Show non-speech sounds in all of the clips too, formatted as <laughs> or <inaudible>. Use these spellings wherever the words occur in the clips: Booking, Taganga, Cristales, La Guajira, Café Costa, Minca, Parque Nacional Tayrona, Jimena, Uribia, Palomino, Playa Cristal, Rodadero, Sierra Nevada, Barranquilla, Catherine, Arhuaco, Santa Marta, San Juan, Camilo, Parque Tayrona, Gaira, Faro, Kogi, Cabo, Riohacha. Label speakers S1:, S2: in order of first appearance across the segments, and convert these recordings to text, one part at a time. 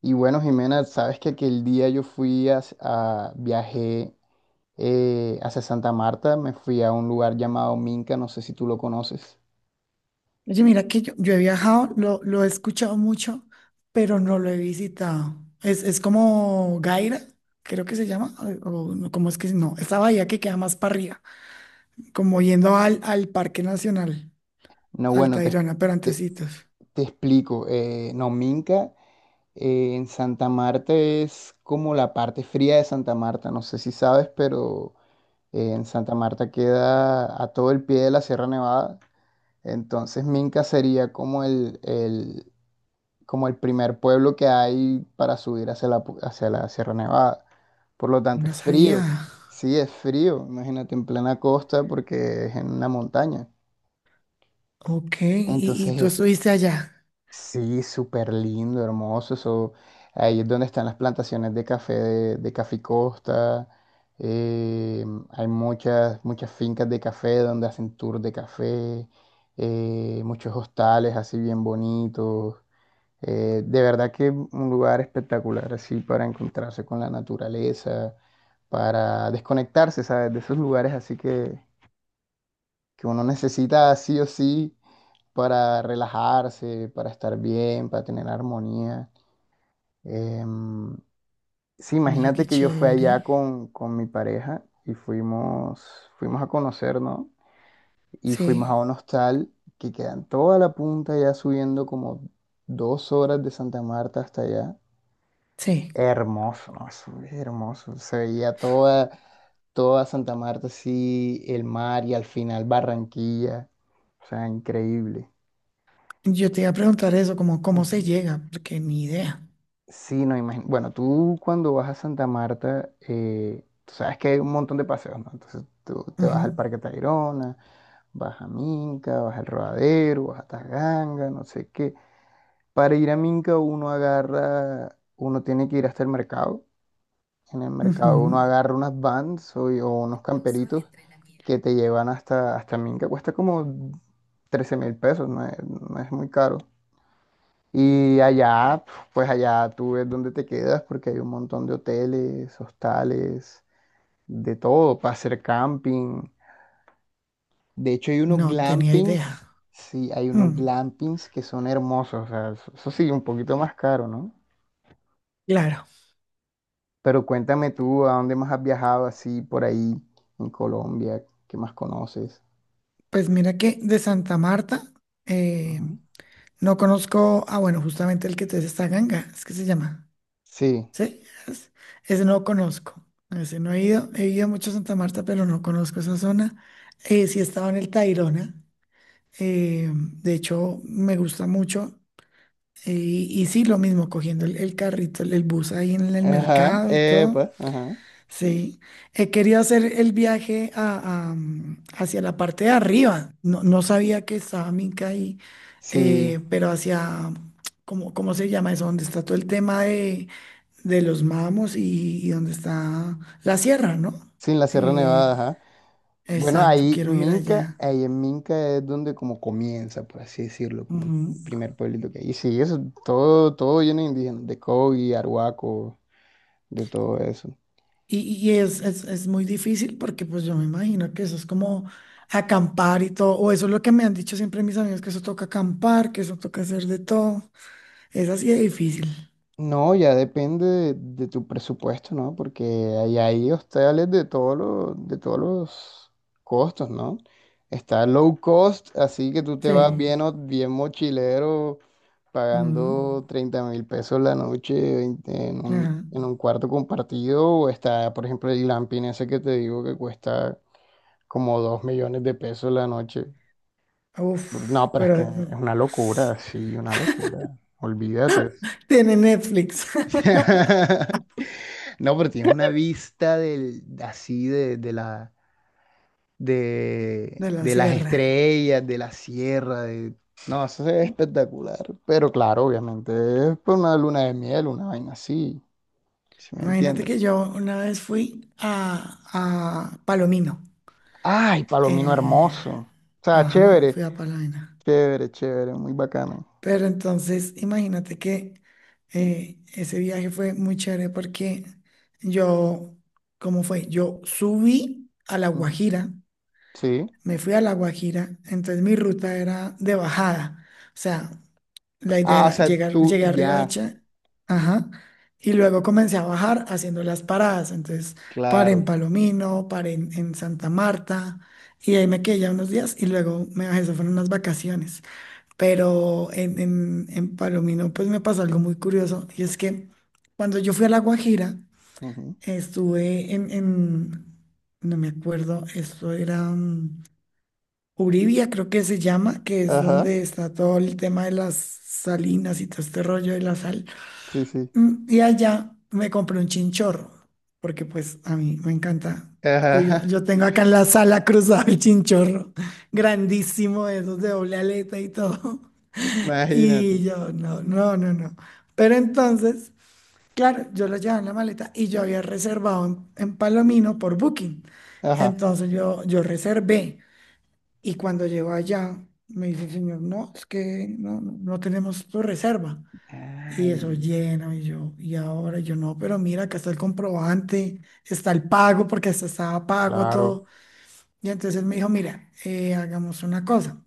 S1: Y bueno, Jimena, sabes que aquel día yo fui viajé hacia Santa Marta, me fui a un lugar llamado Minca, no sé si tú lo conoces.
S2: Oye, mira que yo he viajado, lo he escuchado mucho, pero no lo he visitado. Es como Gaira, creo que se llama, o no, cómo es que se- no, esa bahía que queda más para arriba, como yendo al Parque Nacional,
S1: No,
S2: al
S1: bueno,
S2: Tayrona, pero
S1: te,
S2: antecitos.
S1: te explico. No, Minca en Santa Marta es como la parte fría de Santa Marta, no sé si sabes, pero en Santa Marta queda a todo el pie de la Sierra Nevada. Entonces Minca sería como el primer pueblo que hay para subir hacia la Sierra Nevada. Por lo tanto,
S2: No
S1: es frío.
S2: sabía.
S1: Sí, es frío. Imagínate en plena costa porque es en una montaña.
S2: Ok, y tú
S1: Entonces,
S2: estuviste allá.
S1: sí, súper lindo, hermoso. Eso, ahí es donde están las plantaciones de café de Café Costa. Eh, Hay muchas fincas de café donde hacen tour de café. Muchos hostales así bien bonitos. De verdad que un lugar espectacular, así para encontrarse con la naturaleza, para desconectarse, ¿sabes? De esos lugares así que uno necesita sí o sí para relajarse, para estar bien, para tener armonía. Em, sí,
S2: Oye,
S1: imagínate
S2: qué
S1: que yo fui
S2: chévere.
S1: allá con mi pareja y fuimos a conocer, ¿no? Y fuimos a
S2: Sí,
S1: un hostal que queda en toda la punta, ya subiendo como 2 horas de Santa Marta hasta allá.
S2: sí.
S1: Hermoso, ¿no? Eso es hermoso. Se veía toda Santa Marta así, el mar y al final Barranquilla. O sea, increíble.
S2: Yo te iba a preguntar eso, como cómo se
S1: Ujú.
S2: llega, porque ni idea.
S1: Sí, no imagino. Bueno, tú cuando vas a Santa Marta, tú sabes que hay un montón de paseos, ¿no? Entonces tú te
S2: Ujú,
S1: vas al Parque Tayrona, vas a Minca, vas al Rodadero, vas a Taganga, no sé qué. Para ir a Minca uno agarra, uno tiene que ir hasta el mercado. En el
S2: ujú.
S1: mercado uno agarra unas vans o unos camperitos que te llevan hasta Minca, cuesta como 13.000 pesos, no es muy caro. Y allá, pues allá tú ves dónde te quedas, porque hay un montón de hoteles, hostales, de todo, para hacer camping. De hecho, hay unos
S2: No tenía
S1: glampings,
S2: idea.
S1: sí, hay unos
S2: Mm,
S1: glampings que son hermosos, o sea, eso sí, un poquito más caro, ¿no?
S2: claro.
S1: Pero cuéntame tú, ¿a dónde más has viajado así por ahí en Colombia? ¿Qué más conoces?
S2: Pues mira que de Santa Marta, eh,
S1: Ujú.
S2: no conozco. Ah, bueno, justamente el que te dice, esta Ganga, es que se llama,
S1: Sí,
S2: ¿sí? Es- ese no conozco, ese no he ido, he ido mucho a Santa Marta, pero no conozco esa zona. Sí he estado en el Tayrona, de hecho me gusta mucho. Y sí, lo mismo, cogiendo el carrito, el bus ahí en el
S1: ajá,
S2: mercado y todo.
S1: pues, ajá.
S2: Sí, he querido hacer el viaje a, hacia la parte de arriba. No, no sabía que estaba Minca ahí,
S1: Sí,
S2: pero hacia, ¿cómo se llama eso? Donde está todo el tema de los mamos, y donde está la sierra, ¿no?
S1: sí, en la Sierra
S2: Eh,
S1: Nevada, ajá. Bueno,
S2: exacto,
S1: ahí
S2: quiero ir
S1: Minca,
S2: allá.
S1: ahí en Minca es donde como comienza, por así decirlo, como el
S2: Ujú.
S1: primer pueblito que hay. Y sí, eso, todo lleno de indígenas, de Kogi, Arhuaco, de todo eso.
S2: Y es muy difícil porque pues yo me imagino que eso es como acampar y todo, o eso es lo que me han dicho siempre mis amigos, que eso toca acampar, que eso toca hacer de todo. Esa sí es difícil.
S1: No, ya depende de tu presupuesto, ¿no? Porque hay hostales de todos los costos, ¿no? Está low cost, así que tú te vas
S2: Sí.
S1: bien, bien mochilero,
S2: Mm,
S1: pagando 30.000 pesos la noche 20 en un,
S2: ajá.
S1: en un cuarto compartido. O está, por ejemplo, el glamping ese que te digo que cuesta como 2 millones de pesos la noche. No,
S2: Uf,
S1: pero es
S2: pero
S1: que es una locura, sí, una locura. Olvídate.
S2: tiene Netflix
S1: <laughs> No, pero tienes una vista del, así de la,
S2: <laughs>
S1: de,
S2: de la
S1: de las
S2: Sierra.
S1: estrellas, de la sierra, de... No, eso es espectacular. Pero claro, obviamente, es pues, una luna de miel, una vaina así, ¿sí me
S2: Imagínate
S1: entiendes?
S2: que yo una vez fui a Palomino.
S1: ¡Ay, Palomino
S2: Eh,
S1: hermoso! O sea,
S2: ajá,
S1: chévere,
S2: fui a Palomino.
S1: chévere, chévere, muy bacano.
S2: Pero entonces, imagínate que ese viaje fue muy chévere porque yo, ¿cómo fue? Yo subí a La
S1: Ujú.
S2: Guajira
S1: Sí.
S2: me fui a La Guajira, entonces mi ruta era de bajada. O sea, la idea
S1: Ah, o
S2: era
S1: sea, tú,
S2: llegué a
S1: ya,
S2: Riohacha, ajá, y luego comencé a bajar haciendo las paradas. Entonces paré en
S1: claro.
S2: Palomino, paré en Santa Marta, y ahí me quedé ya unos días y luego me bajé, eso fueron unas vacaciones. Pero en Palomino pues me pasó algo muy curioso, y es que cuando yo fui a La Guajira,
S1: Ujú.
S2: estuve en, no me acuerdo, esto era... mm, Uribia creo que se llama, que es donde
S1: Ajá,
S2: está todo el tema de las salinas y todo este rollo de la sal.
S1: sí, sí.
S2: Mm. Y allá me compré un chinchorro, porque pues a mí me encanta. Obvio,
S1: Ajá,
S2: yo tengo acá en la sala cruzado el chinchorro, grandísimo, de esos de doble aleta y todo.
S1: <laughs>
S2: <laughs> Y
S1: imagínate.
S2: yo, no, no, no, no. Pero entonces, claro, yo lo llevaba en la maleta y yo había reservado en Palomino por Booking.
S1: Ajá.
S2: Entonces yo reservé. Y cuando llegó allá, me dice el señor, no, es que no, no tenemos tu reserva. Y eso
S1: Ay,
S2: lleno, y yo, y ahora yo no, pero mira, acá está el comprobante, está el pago, porque hasta estaba pago
S1: claro.
S2: todo. Y entonces él me dijo, mira, hagamos una cosa.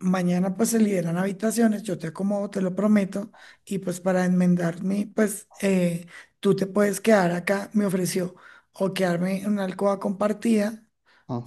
S2: Mañana pues se liberan habitaciones, yo te acomodo, te lo prometo. Y pues para enmendarme, pues tú te puedes quedar acá, me ofreció, o quedarme en una alcoba compartida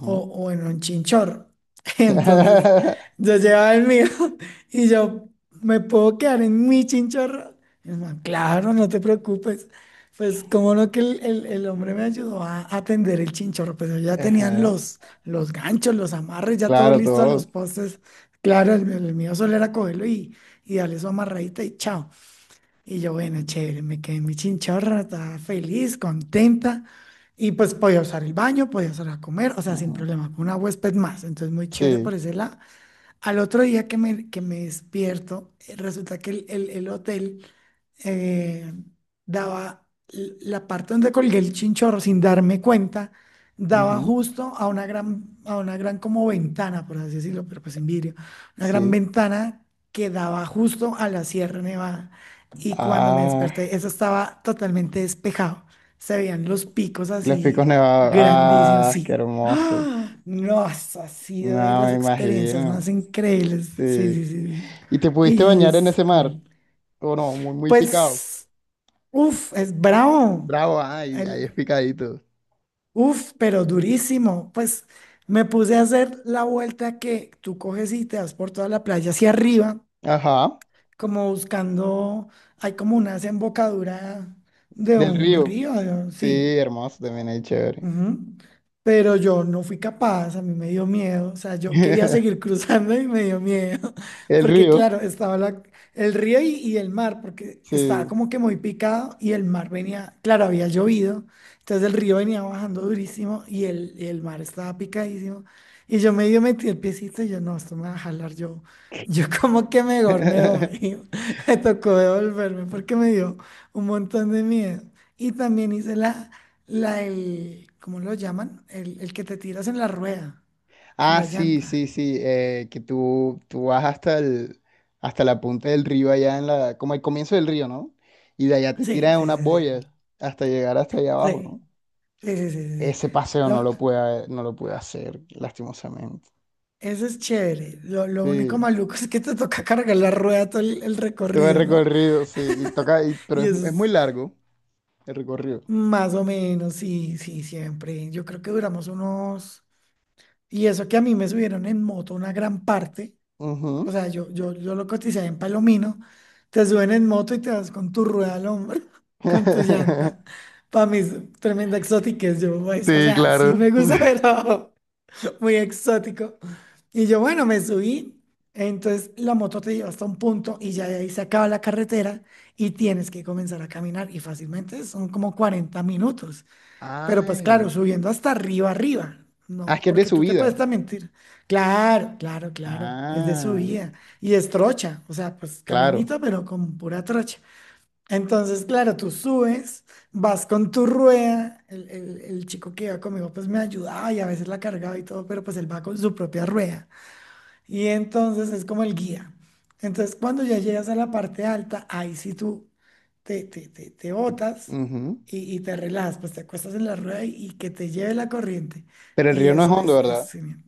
S2: o, o en un chinchorro. <laughs> Entonces,
S1: <laughs>
S2: yo llevaba el mío <laughs> y yo me puedo quedar en mi chinchorro. Y el man, claro, no te preocupes. Pues, como no, que el hombre me ayudó a atender el chinchorro, pero ya tenían
S1: Ajá.
S2: los ganchos, los amarres, ya todo
S1: Claro,
S2: listo a los
S1: todo.
S2: postes. Claro, el mío solo era cogerlo y darle su amarradita y chao. Y yo, bueno, chévere, me quedé en mi chinchorra, estaba feliz, contenta. Y pues podía usar el baño, podía usar a comer, o sea, sin
S1: Ajá.
S2: problema, con una huésped más. Entonces, muy chévere por
S1: Sí.
S2: ese lado. Al otro día que me despierto, resulta que el hotel, eh, daba la parte donde colgué el chinchorro sin darme cuenta, daba
S1: Ajá.
S2: justo a una gran como ventana, por así decirlo, pero pues sin vidrio, una gran
S1: Sí.
S2: ventana que daba justo a la Sierra Nevada. Y cuando me
S1: Ah,
S2: desperté, eso estaba totalmente despejado. Se veían los picos
S1: los picos
S2: así
S1: nevados.
S2: grandísimos,
S1: Ah, qué
S2: sí.
S1: hermoso.
S2: ¡Ah! No, eso ha sido de
S1: No,
S2: las
S1: me
S2: experiencias
S1: imagino.
S2: más increíbles. Sí,
S1: Sí.
S2: sí, sí, sí.
S1: ¿Y te pudiste
S2: Y
S1: bañar en
S2: es
S1: ese mar?
S2: cool.
S1: ¿O no? Muy, muy picado.
S2: Pues, uf, es bravo.
S1: Bravo, ah, ahí es
S2: El,
S1: picadito.
S2: uf, pero durísimo. Pues me puse a hacer la vuelta que tú coges y te das por toda la playa hacia arriba,
S1: Ajá.
S2: como buscando, hay como una desembocadura de
S1: Del
S2: un
S1: río.
S2: río,
S1: Sí,
S2: sí.
S1: hermoso, también ahí chévere.
S2: Ujú. Pero yo no fui capaz, a mí me dio miedo, o sea, yo quería seguir <laughs>
S1: <laughs>
S2: cruzando y me dio miedo, <laughs>
S1: El
S2: porque
S1: río.
S2: claro, estaba el río y el mar, porque estaba
S1: Sí.
S2: como que muy picado y el mar venía, claro, había llovido, entonces el río venía bajando durísimo y el mar estaba picadísimo, y yo medio metí el piecito y yo, no, esto me va a jalar, yo <laughs> como que mejor me
S1: <laughs>
S2: voy, <laughs> me tocó devolverme porque me dio un montón de miedo, y también hice la... ¿cómo lo llaman? El que te tiras en la rueda, en
S1: Ah,
S2: la
S1: sí, sí,
S2: llanta.
S1: sí, que tú vas hasta el, hasta la punta del río allá en la, como el comienzo del río, ¿no? Y de allá te tiran
S2: Sí,
S1: en
S2: sí, sí,
S1: unas boyas
S2: sí.
S1: hasta llegar hasta allá abajo,
S2: Sí,
S1: ¿no?
S2: sí, sí, sí, sí, sí.
S1: Ese paseo no
S2: Lo-
S1: lo pude, no lo pude hacer, lastimosamente.
S2: eso es chévere. Lo
S1: Sí,
S2: único maluco es que te toca cargar la rueda todo el
S1: todo el
S2: recorrido, ¿no?
S1: recorrido, sí, y toca, pero
S2: Y
S1: es,
S2: eso
S1: es muy
S2: es
S1: largo el recorrido.
S2: más o menos, sí, sí, siempre. Yo creo que duramos unos... Y eso que a mí me subieron en moto una gran parte. O
S1: Ujú.
S2: sea, yo lo cotizé en Palomino. Te suben en moto y te vas con tu rueda al hombro, <laughs> con tu
S1: <laughs>
S2: llanta. Para mí es tremenda exotiquez, yo, pues, o
S1: Sí,
S2: sea, sí
S1: claro.
S2: me gusta, <laughs> pero muy exótico. Y yo, bueno, me subí. Entonces la moto te lleva hasta un punto y ya de ahí se acaba la carretera y tienes que comenzar a caminar. Y fácilmente son como 40 minutos. Pero pues claro,
S1: Ay,
S2: subiendo hasta arriba, arriba.
S1: ah, es
S2: No,
S1: que es de
S2: porque tú te
S1: subida.
S2: puedes también mentir. Claro, claro, claro. Es de
S1: Ah,
S2: subida. Y es trocha. O sea, pues
S1: claro.
S2: caminito, pero con pura trocha. Entonces, claro, tú subes, vas con tu rueda. El chico que iba conmigo, pues me ayudaba y a veces la cargaba y todo, pero pues él va con su propia rueda. Y entonces es como el guía. Entonces, cuando ya llegas a la parte alta, ahí sí tú te
S1: Te-
S2: botas
S1: Ujú.
S2: y te relajas, pues te acuestas en la rueda y que te lleve la corriente.
S1: Pero el
S2: Y
S1: río no es
S2: eso
S1: hondo, ¿verdad?
S2: es genial.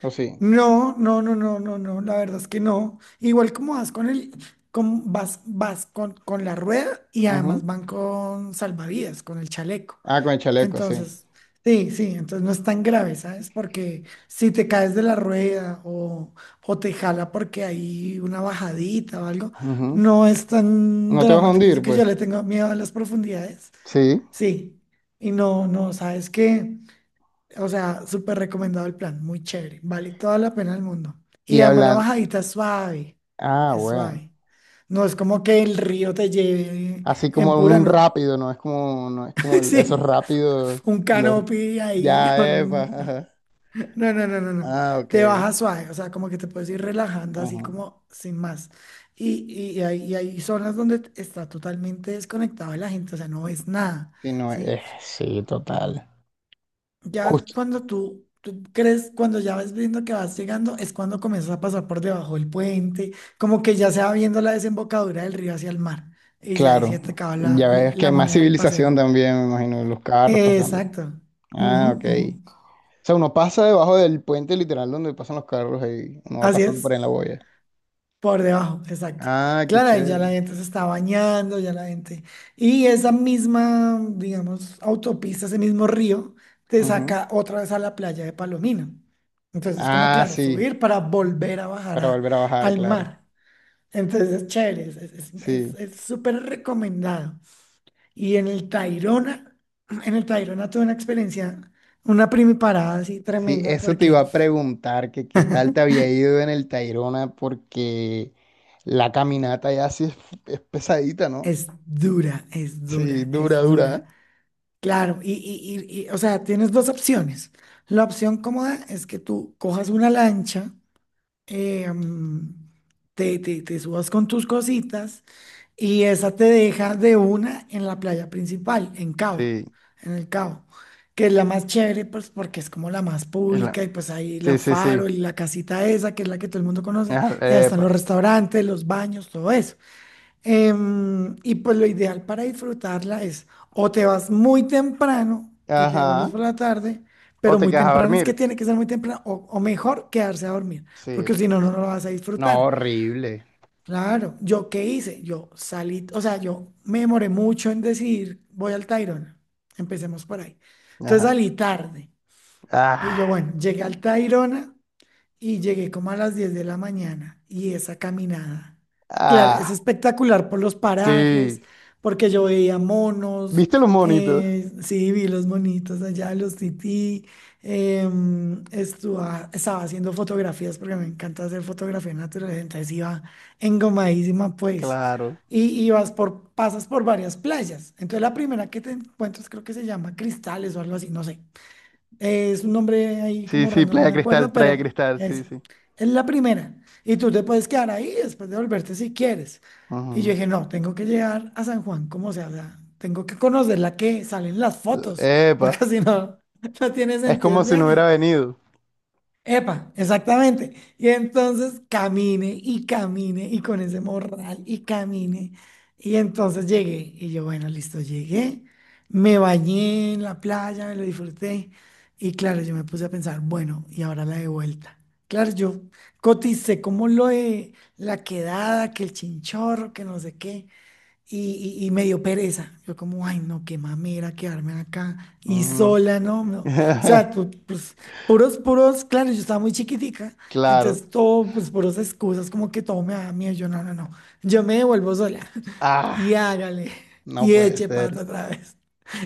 S1: ¿O sí?
S2: No, no, no, no, no, no, la verdad es que no. Igual como vas con vas con la rueda y además
S1: Ujú.
S2: van con salvavidas, con el chaleco.
S1: Ah, con el chaleco, sí.
S2: Entonces, sí, sí, entonces no es tan grave, ¿sabes? Porque si te caes de la rueda o te jala porque hay una bajadita o algo,
S1: Ujú.
S2: no es tan
S1: No te vas a
S2: dramático. Yo sé
S1: hundir,
S2: que yo
S1: pues.
S2: le tengo miedo a las profundidades,
S1: Sí.
S2: sí. Y no, no, ¿sabes qué? O sea, súper recomendado el plan, muy chévere, vale toda la pena del mundo.
S1: Y
S2: Y además la
S1: hablan.
S2: bajadita es suave,
S1: Ah,
S2: es
S1: bueno.
S2: suave. No es como que el río te lleve
S1: Así
S2: en
S1: como
S2: pura,
S1: un
S2: no.
S1: rápido, no es como
S2: <laughs>
S1: esos
S2: Sí,
S1: rápidos,
S2: un
S1: los
S2: canopy ahí,
S1: ya, epa.
S2: no.
S1: Ajá.
S2: No, no, no, no, no.
S1: Ah, ok.
S2: Te baja suave, o sea, como que te puedes ir relajando así
S1: Ujú.
S2: como sin más. Y hay, y hay zonas donde está totalmente desconectado de la gente, o sea, no ves nada,
S1: Sí, no,
S2: ¿sí?
S1: sí, total.
S2: Ya
S1: Justo,
S2: cuando tú crees, cuando ya vas viendo que vas llegando, es cuando comienzas a pasar por debajo del puente, como que ya se va viendo la desembocadura del río hacia el mar, y ya ahí
S1: claro.
S2: se te acaba la,
S1: Ya ves que
S2: la
S1: hay más
S2: moneda del
S1: civilización
S2: paseo.
S1: también, me imagino, los carros pasando eso.
S2: Exacto.
S1: Ah,
S2: Ujú,
S1: ok.
S2: ujú.
S1: O sea, uno pasa debajo del puente literal donde pasan los carros y uno va
S2: Así
S1: pasando por
S2: es.
S1: ahí en la boya.
S2: Por debajo, exacto.
S1: Ah, qué
S2: Claro, y ya la
S1: chévere.
S2: gente se está bañando, ya la gente. Y esa misma, digamos, autopista, ese mismo río, te
S1: Ujú.
S2: saca otra vez a la playa de Palomino. Entonces es como,
S1: Ah,
S2: claro,
S1: sí,
S2: subir para volver a bajar
S1: para
S2: a-
S1: volver a bajar,
S2: al
S1: claro.
S2: mar. Entonces es chévere,
S1: Sí,
S2: es súper recomendado. Y en el Tayrona, <clears throat> en el Tayrona tuve una experiencia, una primiparada así
S1: sí,
S2: tremenda,
S1: eso te iba
S2: porque
S1: a preguntar, que qué tal te había ido en el Tayrona, porque la caminata ya sí es pesadita, ¿no?
S2: es dura, es
S1: Sí,
S2: dura,
S1: dura,
S2: es
S1: dura, ¿eh?
S2: dura. Claro, y, o sea, tienes dos opciones. La opción cómoda es que tú cojas una lancha, eh, mm, te subas con tus cositas y esa te deja de una en la playa principal,
S1: Sí,
S2: en el Cabo, que es la más chévere, pues porque es como la más
S1: es la-
S2: pública y pues ahí la
S1: sí, sí,
S2: Faro
S1: sí.
S2: y la casita esa, que es la que todo el mundo conoce,
S1: Ah,
S2: y ahí están los
S1: epa.
S2: restaurantes, los baños, todo eso. Y pues lo ideal para disfrutarla es o te vas muy temprano y te
S1: Ajá.
S2: vuelves por la tarde,
S1: ¿O
S2: pero
S1: te
S2: muy
S1: quedas a
S2: temprano es que
S1: dormir?
S2: tiene que ser muy temprano, o mejor quedarse a dormir,
S1: Sí.
S2: porque si no, no lo vas a
S1: No,
S2: disfrutar.
S1: horrible.
S2: Claro, ¿yo qué hice? Yo salí, o sea, yo me demoré mucho en decidir, voy al Tayrona, empecemos por ahí. Entonces
S1: Ajá.
S2: salí tarde y
S1: Ah,
S2: yo, bueno, llegué al Tayrona y llegué como a las 10 de la mañana y esa caminada. Claro, es
S1: ah,
S2: espectacular por los parajes,
S1: sí.
S2: porque yo veía monos,
S1: ¿Viste los monitos?
S2: sí, vi los monitos allá, los tití, em, estaba haciendo fotografías porque me encanta hacer fotografía natural, entonces iba engomadísima pues.
S1: Claro.
S2: Y vas por, pasas por varias playas. Entonces la primera que te encuentras creo que se llama Cristales o algo así, no sé. Es un nombre ahí
S1: Sí,
S2: como
S1: sí,
S2: random, no
S1: Playa
S2: me
S1: Cristal,
S2: acuerdo,
S1: Playa
S2: pero
S1: Cristal, sí, sí.
S2: es la primera. Y tú te puedes quedar ahí después de volverte si quieres. Y yo
S1: Ujú.
S2: dije, no, tengo que llegar a San Juan, como sea, o sea, tengo que conocer la que salen las fotos, porque
S1: Epa,
S2: <laughs> si no, no tiene
S1: es
S2: sentido
S1: como
S2: el
S1: si no
S2: viaje.
S1: hubiera venido.
S2: Epa, exactamente. Y entonces camine y camine y con ese morral y camine. Y entonces llegué y yo, bueno, listo, llegué. Me bañé en la playa, me lo disfruté. Y claro, yo me puse a pensar, bueno, y ahora la de vuelta. Claro, yo coticé como lo de la quedada, que el chinchorro, que no sé qué y me dio pereza. Yo como, ay, no, qué mamera quedarme acá y
S1: Ujú.
S2: sola, no, no. O sea,
S1: <laughs>
S2: tú, pues, puros, puros, claro, yo estaba muy chiquitica,
S1: Claro.
S2: entonces todo, pues, puros excusas, como que todo me da miedo. Yo, no, no, no, yo me devuelvo sola <laughs> y
S1: Ah,
S2: hágale
S1: no
S2: y
S1: puede
S2: eche
S1: ser.
S2: pata otra vez. <laughs>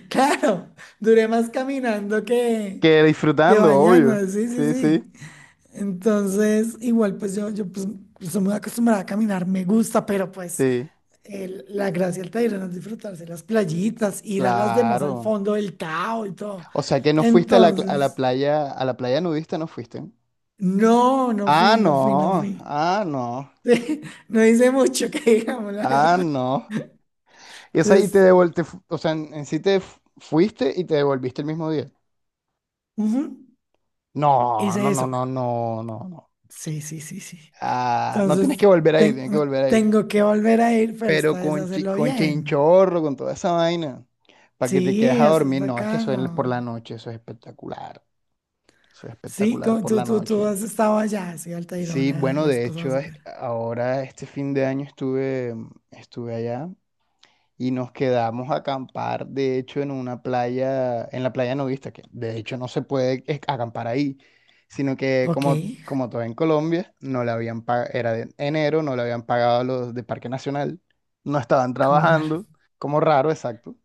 S2: Claro, duré más caminando
S1: Que
S2: que
S1: disfrutando, obvio.
S2: bañando, sí, sí,
S1: Sí, sí,
S2: sí. Entonces, igual pues yo pues, estoy muy acostumbrada a caminar, me gusta, pero pues
S1: sí.
S2: la gracia del Tayrona es disfrutarse las playitas, ir a las demás al
S1: Claro.
S2: fondo del Tao y todo.
S1: O sea que no fuiste a la, cl-
S2: Entonces,
S1: a la playa nudista no fuiste.
S2: no, no
S1: Ah,
S2: fui, no fui, no
S1: no.
S2: fui.
S1: Ah, no.
S2: <laughs> No hice mucho que digamos, la
S1: Ah,
S2: verdad.
S1: no. Y, o sea, y te
S2: Entonces,
S1: devolviste, o sea, en sí fuiste y te devolviste el mismo día.
S2: ujú,
S1: No, no,
S2: hice
S1: no,
S2: eso.
S1: no, no, no, no.
S2: Sí, sí, sí, sí.
S1: Ah, no tienes que
S2: Entonces,
S1: volver a ir,
S2: ten-
S1: tienes que volver a ir.
S2: tengo que volver a ir, pero
S1: Pero
S2: esta vez hacerlo
S1: con
S2: bien.
S1: chinchorro, con toda esa vaina, para que te quedes
S2: Sí,
S1: a
S2: así es
S1: dormir. No, es que eso es por la
S2: bacano.
S1: noche, eso es espectacular. Eso es
S2: Sí,
S1: espectacular por
S2: tú,
S1: la
S2: tú, tú
S1: noche.
S2: has estado allá, sí,
S1: Sí,
S2: Altairona,
S1: bueno,
S2: las has
S1: de
S2: pasado
S1: hecho,
S2: súper.
S1: ahora este fin de año estuve, allá y nos quedamos a acampar, de hecho, en una playa, en la playa nudista, que de hecho no se puede acampar ahí, sino que
S2: Ok,
S1: como todo en Colombia, no le habían pagado, era de enero, no le habían pagado a los de Parque Nacional, no estaban
S2: como raro,
S1: trabajando, como raro, exacto.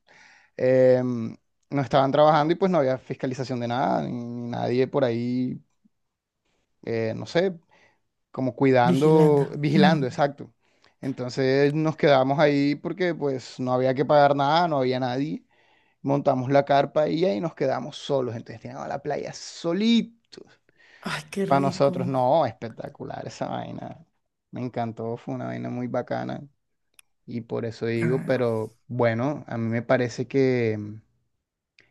S1: em, no estaban trabajando y pues no había fiscalización de nada, ni nadie por ahí, no sé, como
S2: vigilando.
S1: cuidando,
S2: Mm.
S1: vigilando, exacto. Entonces nos quedamos ahí porque pues no había que pagar nada, no había nadie. Montamos la carpa y ahí nos quedamos solos. Entonces teníamos la playa solitos.
S2: Ay, qué
S1: Para nosotros,
S2: rico.
S1: no, espectacular esa vaina. Me encantó, fue una vaina muy bacana y por eso digo,
S2: Ah,
S1: pero bueno, a mí me parece que,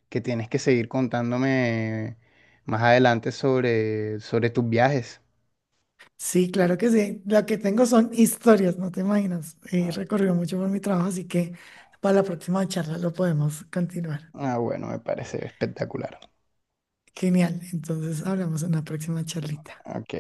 S1: que tienes que seguir contándome más adelante sobre tus viajes.
S2: sí, claro que sí. Lo que tengo son historias, no te imaginas. He recorrido mucho por mi trabajo, así que para la próxima charla lo podemos continuar.
S1: Ah, bueno, me parece espectacular.
S2: Genial, entonces hablamos en la próxima charlita.
S1: Ok.